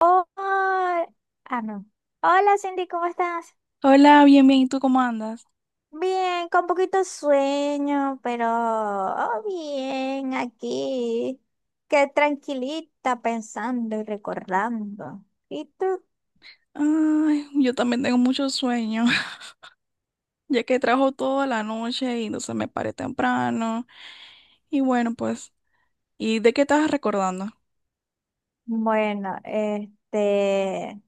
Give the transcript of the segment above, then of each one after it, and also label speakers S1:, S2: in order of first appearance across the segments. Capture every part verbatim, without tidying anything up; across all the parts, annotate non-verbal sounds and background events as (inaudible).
S1: Oh, ah, ah, no. Hola Cindy, ¿cómo estás?
S2: Hola, bien, bien, ¿y tú cómo andas?
S1: Bien, con poquito sueño, pero oh, bien, aquí. Qué tranquilita pensando y recordando. ¿Y tú?
S2: Ay, yo también tengo mucho sueño, (laughs) ya que trabajo toda la noche y entonces me paré temprano. Y bueno, pues, ¿y de qué estás recordando?
S1: Bueno, este,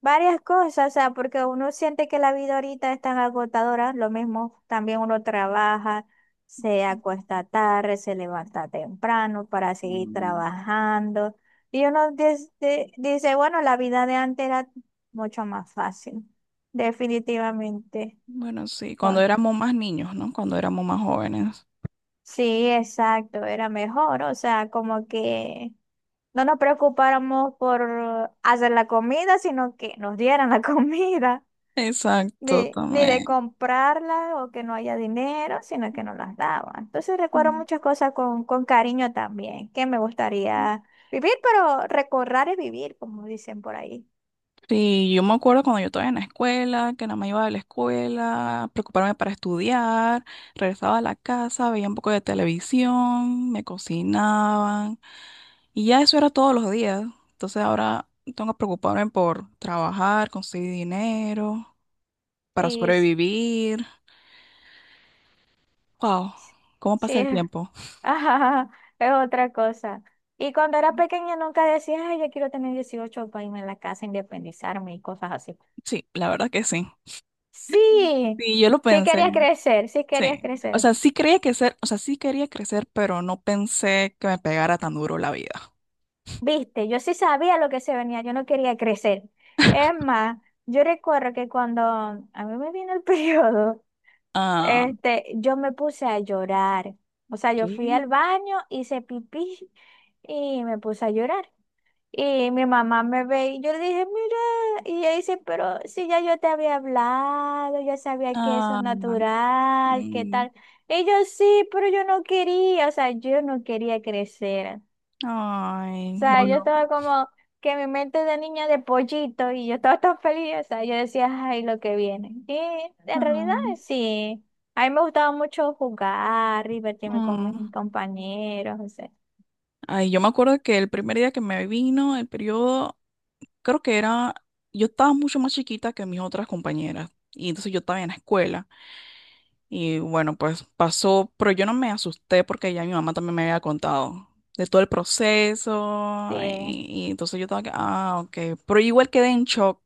S1: varias cosas, o sea, porque uno siente que la vida ahorita es tan agotadora, lo mismo también uno trabaja, se acuesta tarde, se levanta temprano para seguir trabajando, y uno dis- di- dice, bueno, la vida de antes era mucho más fácil, definitivamente.
S2: Bueno, sí, cuando
S1: Bueno,
S2: éramos más niños, ¿no? Cuando éramos más jóvenes.
S1: sí, exacto, era mejor, o sea, como que no nos preocupáramos por hacer la comida, sino que nos dieran la (laughs) comida,
S2: Exacto,
S1: ni, ni de
S2: también.
S1: comprarla o que no haya dinero, sino que nos las daban. Entonces recuerdo
S2: Mm.
S1: muchas cosas con, con cariño también, que me gustaría vivir, pero recordar es vivir, como dicen por ahí.
S2: Sí, yo me acuerdo cuando yo estaba en la escuela, que nada más iba de la escuela, preocuparme para estudiar, regresaba a la casa, veía un poco de televisión, me cocinaban. Y ya eso era todos los días. Entonces ahora tengo que preocuparme por trabajar, conseguir dinero, para
S1: Sí, s-
S2: sobrevivir. Wow,
S1: s-
S2: ¿cómo pasa
S1: sí,
S2: el
S1: (laughs)
S2: tiempo?
S1: ajá, es otra cosa. Y cuando era pequeña nunca decía, ay, yo quiero tener dieciocho para irme a la casa, independizarme y cosas así.
S2: Sí, la verdad que sí.
S1: Sí,
S2: Sí, yo lo
S1: sí
S2: pensé,
S1: quería crecer, sí querías
S2: sí. O
S1: crecer.
S2: sea, sí quería crecer, o sea, sí quería crecer, pero no pensé que me pegara tan duro la vida.
S1: Viste, yo sí sabía lo que se venía, yo no quería crecer. Es más, yo recuerdo que cuando a mí me vino el (laughs) periodo,
S2: Ah,
S1: este, yo me puse a llorar. O sea, yo
S2: ¿qué?
S1: fui al baño, hice pipí y me puse a llorar. Y mi mamá me ve y yo le dije, mira, y ella dice, pero si ya yo te había hablado, yo sabía que eso es
S2: Ah,
S1: natural, ¿qué
S2: mm,
S1: tal? Y yo sí, pero yo no quería, o sea, yo no quería crecer. O
S2: ay,
S1: sea, yo
S2: bueno.
S1: estaba como que mi mente de niña de pollito y yo estaba tan feliz, o sea, yo decía, ay, lo que viene. Y en realidad
S2: Ah,
S1: sí, a mí me gustaba mucho jugar, divertirme con
S2: mm.
S1: mis compañeros, o sea,
S2: Ay, yo me acuerdo que el primer día que me vino el periodo, creo que era, yo estaba mucho más chiquita que mis otras compañeras. Y entonces yo estaba en la escuela. Y bueno, pues pasó, pero yo no me asusté porque ya mi mamá también me había contado de todo el proceso.
S1: sí,
S2: Y, y entonces yo estaba que, ah, ok. Pero igual quedé en shock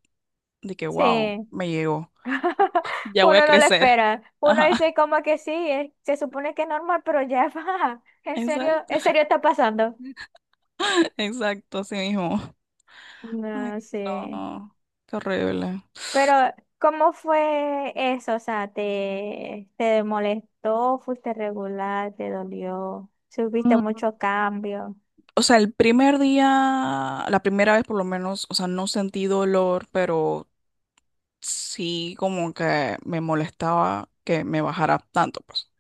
S2: de que, wow,
S1: sí.
S2: me llegó.
S1: (laughs)
S2: Ya voy a
S1: Uno no lo
S2: crecer.
S1: espera. Uno
S2: Ajá,
S1: dice como que sí, eh, se supone que es normal, pero ya (laughs) va.
S2: (laughs)
S1: En serio,
S2: exacto,
S1: en serio está pasando.
S2: exacto, así mismo. Ay,
S1: No sé.
S2: no, qué horrible.
S1: Pero, ¿cómo fue eso? O sea, ¿te, te molestó? ¿Fuiste regular? ¿Te dolió? ¿Subiste mucho cambio?
S2: O sea, el primer día, la primera vez por lo menos, o sea, no sentí dolor, pero sí como que me molestaba que me bajara tanto, pues.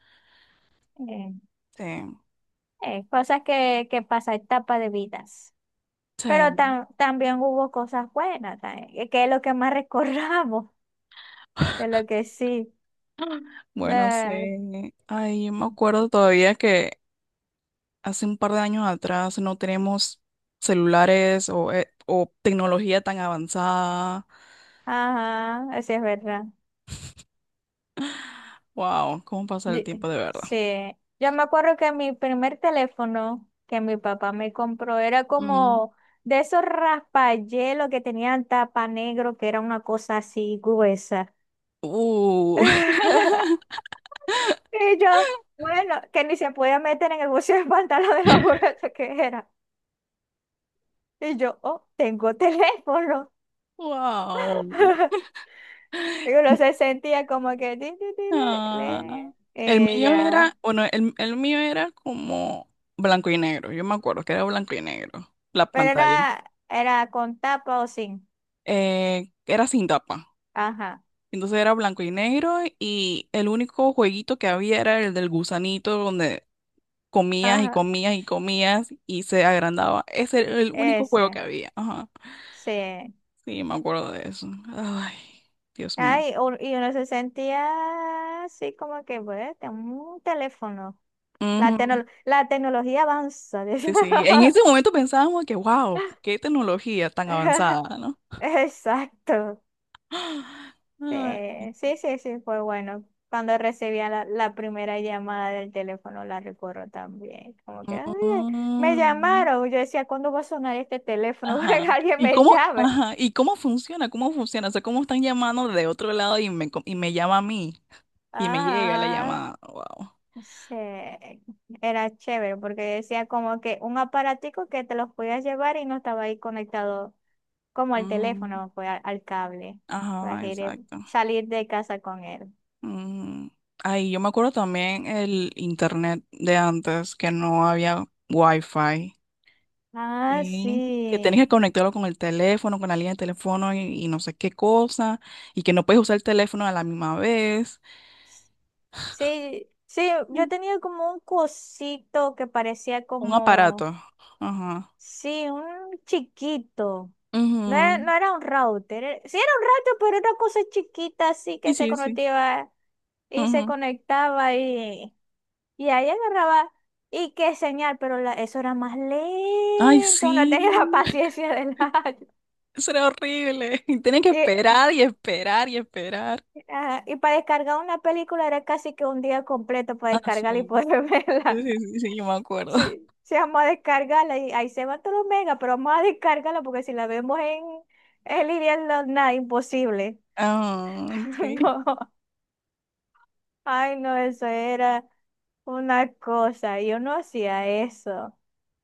S1: Eh,
S2: Sí,
S1: eh, cosas que, que pasa, etapa de vidas. Pero
S2: sí.
S1: tam- también hubo cosas buenas, también, que es lo que más (laughs) recordamos de lo que sí.
S2: Bueno, sí.
S1: No,
S2: Ay, yo me acuerdo todavía que hace un par de años atrás no tenemos celulares o, eh, o tecnología tan avanzada.
S1: ajá, así es verdad.
S2: Wow, cómo pasa
S1: Yo-
S2: el tiempo de verdad.
S1: sí, yo me acuerdo que mi primer teléfono que mi papá me compró era
S2: Mm.
S1: como de esos raspayelos que tenían tapa negro, que era una cosa así gruesa.
S2: Uh,
S1: (laughs) Y yo, bueno, que ni se podía meter en el bolsillo del pantalón de lo grueso que era. Y yo, oh, tengo teléfono.
S2: (laughs) wow.
S1: (laughs) Y uno se sentía como que ti, ti, ti, le,
S2: Ah,
S1: le,
S2: el
S1: eh,
S2: mío
S1: ya.
S2: era, bueno, el, el mío era como blanco y negro. Yo me acuerdo que era blanco y negro, la
S1: Pero
S2: pantalla.
S1: era, era con tapa o sin.
S2: Eh, era sin tapa.
S1: Ajá,
S2: Entonces era blanco y negro y el único jueguito que había era el del gusanito donde comías y
S1: ajá,
S2: comías y comías y se agrandaba. Ese era el único juego que
S1: ese,
S2: había. Ajá.
S1: sí.
S2: Sí, me acuerdo de eso. Ay, Dios mío.
S1: Ay, u- y uno se sentía así como que, bueno, tengo un teléfono. La,
S2: Ujú,
S1: tecno- la tecnología avanza. (laughs)
S2: sí, sí. En
S1: decía.
S2: ese momento pensábamos que, wow, qué tecnología tan avanzada, ¿no?
S1: Exacto.
S2: Ay.
S1: Eh, sí, sí, sí, fue bueno. Cuando recibía la, la primera llamada del teléfono, la recuerdo también. Como que, "Ay, me
S2: Mm,
S1: llamaron. Yo decía, ¿cuándo va a sonar este teléfono (laughs) para
S2: ajá.
S1: que alguien
S2: ¿Y
S1: me
S2: cómo,
S1: llame?
S2: ajá, ¿y cómo funciona? ¿Cómo funciona? O sea, ¿cómo están llamando de otro lado y me, co- y me llama a mí? Y me llega la
S1: Ajá.
S2: llamada. Wow.
S1: Sí, era chévere porque decía como que un aparatico que te los podías llevar y no estaba ahí conectado como al
S2: Mm,
S1: teléfono, fue al, al cable, para
S2: ajá,
S1: ir-
S2: exacto.
S1: salir de casa con él.
S2: Mm. Ay, yo me acuerdo también el internet de antes, que no había wifi.
S1: Ah,
S2: Sí. Que tenías que
S1: sí.
S2: conectarlo con el teléfono, con la línea de teléfono y, y no sé qué cosa. Y que no puedes usar el teléfono a la misma vez.
S1: Sí, sí,
S2: Mm.
S1: yo tenía como un cosito que parecía
S2: Un aparato.
S1: como,
S2: Ajá.
S1: sí, un chiquito. No era,
S2: Ujú.
S1: no era un router, era- sí era un router, pero era una cosa chiquita así
S2: Sí,
S1: que se
S2: sí, sí.
S1: conectaba y se
S2: Ujú.
S1: conectaba. y Y ahí agarraba, y qué señal, pero la- eso era más
S2: Ay,
S1: lento, no tenía
S2: sí.
S1: (laughs) la paciencia del año.
S2: Eso era horrible. (laughs) Y tenía que
S1: Y,
S2: esperar y esperar y esperar.
S1: ah, y para descargar una película era casi que un día completo para
S2: Ah, sí.
S1: descargarla y poder (laughs)
S2: Sí,
S1: verla.
S2: sí, sí, sí, yo me acuerdo.
S1: Sí,
S2: (laughs)
S1: sí, vamos a descargarla y ahí se van todos los megas, pero vamos a descargarla porque si la vemos en, en línea, no, nada, imposible.
S2: Ah, sí.
S1: (laughs) No, ay, no, eso era una cosa, yo no hacía eso.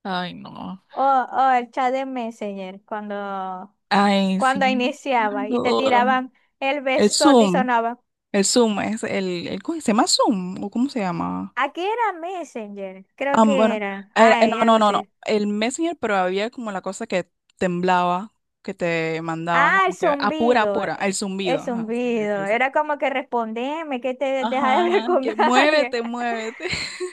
S2: Ay, no.
S1: O, o el chat de Messenger, cuando
S2: Ay, sí,
S1: cuando
S2: me
S1: iniciaba y te
S2: acuerdo.
S1: tiraban el
S2: El
S1: besote y
S2: Zoom.
S1: sonaba.
S2: El Zoom es el, el, ¿cómo se llama Zoom? ¿O cómo se llama?
S1: Aquí era Messenger, creo
S2: Ah,
S1: que
S2: bueno.
S1: era.
S2: Era- eh, no,
S1: Ay, algo
S2: no, no, no.
S1: así.
S2: El Messenger, pero había como la cosa que temblaba, que te mandaban
S1: Ah, el
S2: como que apura,
S1: zumbido.
S2: apura,
S1: eh,
S2: el
S1: El
S2: zumbido. Ajá, sí, sí,
S1: zumbido.
S2: sí, sí.
S1: Era como que respondeme, que te deja de (laughs) hablar
S2: Ajá,
S1: con
S2: que
S1: alguien.
S2: muévete,
S1: (laughs)
S2: muévete. (laughs)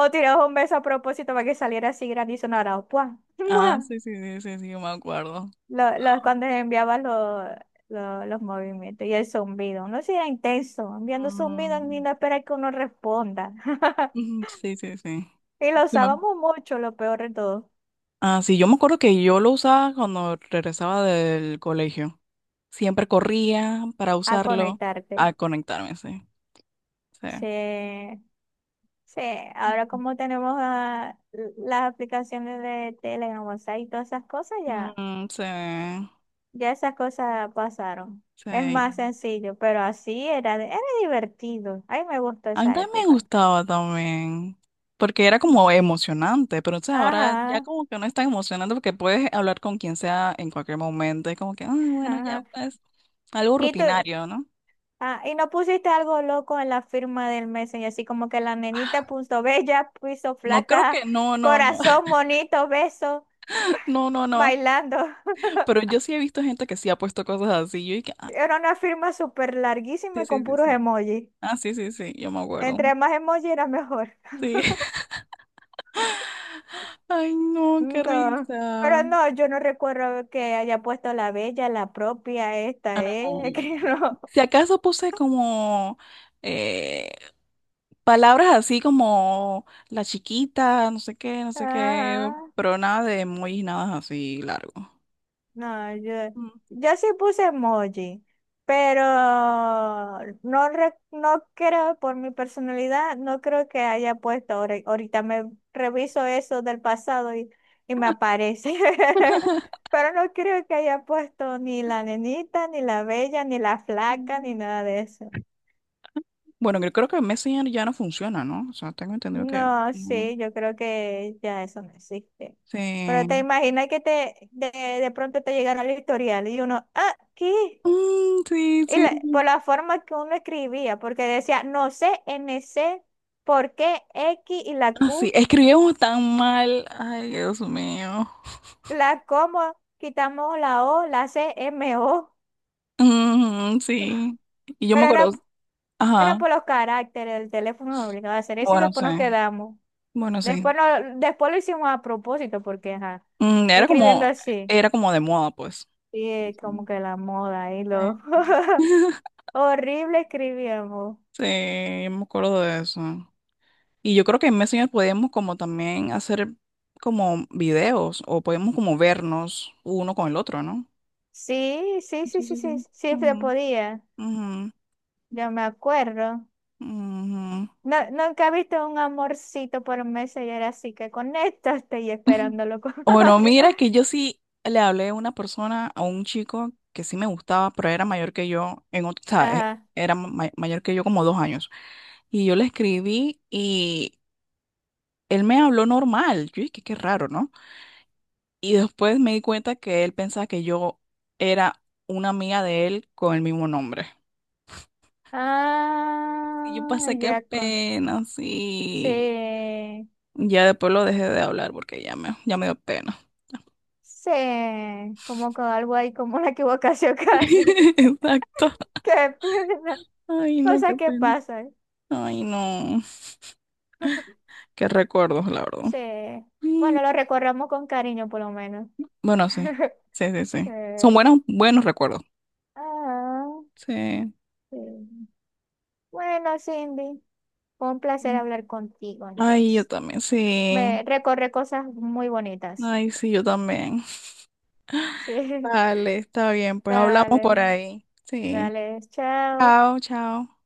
S1: O tirabas un beso a propósito para que saliera así grande y sonara. ¡Pua!
S2: Ah,
S1: ¡Mua!
S2: sí, sí, sí, sí, sí, yo me acuerdo.
S1: Lo- lo- cuando enviabas los, los, los movimientos y el zumbido. No sea intenso. Enviando zumbido ni
S2: Mm,
S1: no esperar que uno responda. (laughs)
S2: ujú, sí, sí, sí.
S1: Y lo
S2: Sí, me-
S1: usábamos mucho, lo peor de todo.
S2: ah, sí, yo me acuerdo que yo lo usaba cuando regresaba del colegio. Siempre corría para
S1: A
S2: usarlo
S1: conectarte.
S2: a conectarme, sí. Sí.
S1: Sí, sí. Ahora como tenemos ah, las aplicaciones de Telegram, WhatsApp y todas esas cosas, ya,
S2: Mm, sí,
S1: ya esas cosas pasaron. Es
S2: sí.
S1: más sencillo, pero así era, era divertido. A mí me gustó
S2: A mí
S1: esa
S2: también me
S1: época.
S2: gustaba también, porque era como emocionante, pero entonces ahora ya
S1: Ajá,
S2: como que no es tan emocionante porque puedes hablar con quien sea en cualquier momento, es como que, ay, bueno, ya
S1: ajá.
S2: pues. Algo
S1: Y tú,
S2: rutinario, ¿no?
S1: ah, y no pusiste algo loco en la firma del Messenger, así como que la nenita puso bella, puso
S2: No creo
S1: flaca,
S2: que, no, no, no,
S1: corazón,
S2: (laughs)
S1: monito, beso,
S2: no, no,
S1: (laughs)
S2: no.
S1: bailando.
S2: Pero yo sí he visto gente que sí ha puesto cosas así. Yo dije, ah,
S1: Era una firma súper larguísima
S2: sí,
S1: y
S2: sí,
S1: con
S2: sí,
S1: puros
S2: sí.
S1: emojis.
S2: Ah, sí, sí, sí, yo me acuerdo.
S1: Entre más emojis era mejor.
S2: Sí. (laughs)
S1: (laughs)
S2: Ay, no, qué
S1: No,
S2: risa.
S1: pero no, yo no recuerdo que haya puesto la bella, la propia,
S2: No,
S1: esta, ¿eh? (laughs) que
S2: no, no.
S1: no.
S2: Si acaso puse como eh, palabras así como la chiquita, no sé qué, no sé qué,
S1: Ajá.
S2: pero nada de emojis, nada así largo.
S1: No, yo,
S2: Mm.
S1: yo sí puse emoji, pero no, re- no creo, por mi personalidad, no creo que haya puesto. ahora- Ahorita me reviso eso del pasado y, y me aparece. (laughs) Pero no creo que haya puesto ni la nenita, ni la bella, ni la flaca, ni nada de eso.
S2: Bueno, yo creo que Messenger ya no funciona, ¿no? O sea, tengo entendido que...
S1: No,
S2: no. No.
S1: sí, yo creo que ya eso no existe. Pero te
S2: Sí.
S1: imaginas que te de, de pronto te llegara el historial y uno, ah, ¿qué?
S2: Mm, sí,
S1: Y
S2: sí,
S1: la- por
S2: sí.
S1: la forma que uno escribía, porque decía, no sé, n c ¿por qué X y la
S2: Ah, sí,
S1: Q,
S2: escribimos tan mal. Ay, Dios mío.
S1: la coma, quitamos la O, la C, M, O?
S2: Mm,
S1: (laughs)
S2: sí. Y yo me
S1: Pero
S2: acuerdo,
S1: era, era
S2: ajá,
S1: por los caracteres, el teléfono nos obligaba a hacer eso y
S2: bueno,
S1: después
S2: sí,
S1: nos quedamos.
S2: bueno, sí.
S1: Después, no, después lo hicimos a propósito, porque ajá,
S2: Mm, era
S1: escribiendo
S2: como,
S1: así.
S2: era como de moda, pues.
S1: Y es como que la moda y
S2: Sí.
S1: lo
S2: (laughs)
S1: (laughs) horrible escribíamos.
S2: Sí, yo me acuerdo de eso. Y yo creo que en Messenger podíamos como también hacer como videos o podíamos como vernos uno con el otro, ¿no?
S1: Sí, sí,
S2: Sí,
S1: sí,
S2: sí,
S1: sí, sí,
S2: sí.
S1: sí se
S2: Ujú,
S1: podía.
S2: ujú,
S1: Yo me acuerdo.
S2: ujú.
S1: No, nunca he visto un amorcito por Messenger, así que conéctate y
S2: (laughs)
S1: esperándolo con (laughs)
S2: Bueno,
S1: ansia.
S2: mira que yo sí le hablé a una persona, a un chico que sí me gustaba, pero era mayor que yo, en ot- o sea, eh,
S1: Ajá.
S2: era ma- mayor que yo como dos años. Y yo le escribí y él me habló normal. Yo dije, qué raro, ¿no? Y después me di cuenta que él pensaba que yo era una amiga de él con el mismo nombre. Y yo
S1: Ah,
S2: pasé qué
S1: ya con.
S2: pena, sí.
S1: Sí,
S2: Ya después lo dejé de hablar porque ya me, ya me dio pena.
S1: sí, como con algo ahí, como una equivocación (laughs) casi.
S2: (laughs) Exacto.
S1: Qué pena.
S2: Ay, no,
S1: Cosas
S2: qué
S1: que
S2: pena.
S1: pasan.
S2: Ay, no. Qué recuerdos, la verdad.
S1: Sí.
S2: Mm,
S1: Bueno, lo recordamos con cariño, por lo menos.
S2: bueno, sí.
S1: (laughs)
S2: Sí, sí,
S1: Sí.
S2: sí. Son buenos, buenos recuerdos.
S1: Ah,
S2: Sí.
S1: sí. Bueno, Cindy, fue un placer hablar contigo
S2: Ay, yo
S1: entonces.
S2: también, sí.
S1: Me recorre cosas muy bonitas.
S2: Ay, sí, yo también.
S1: Sí, (laughs)
S2: Vale, está bien. Pues hablamos por
S1: dale,
S2: ahí. Sí.
S1: dale, chao.
S2: Chao, chao.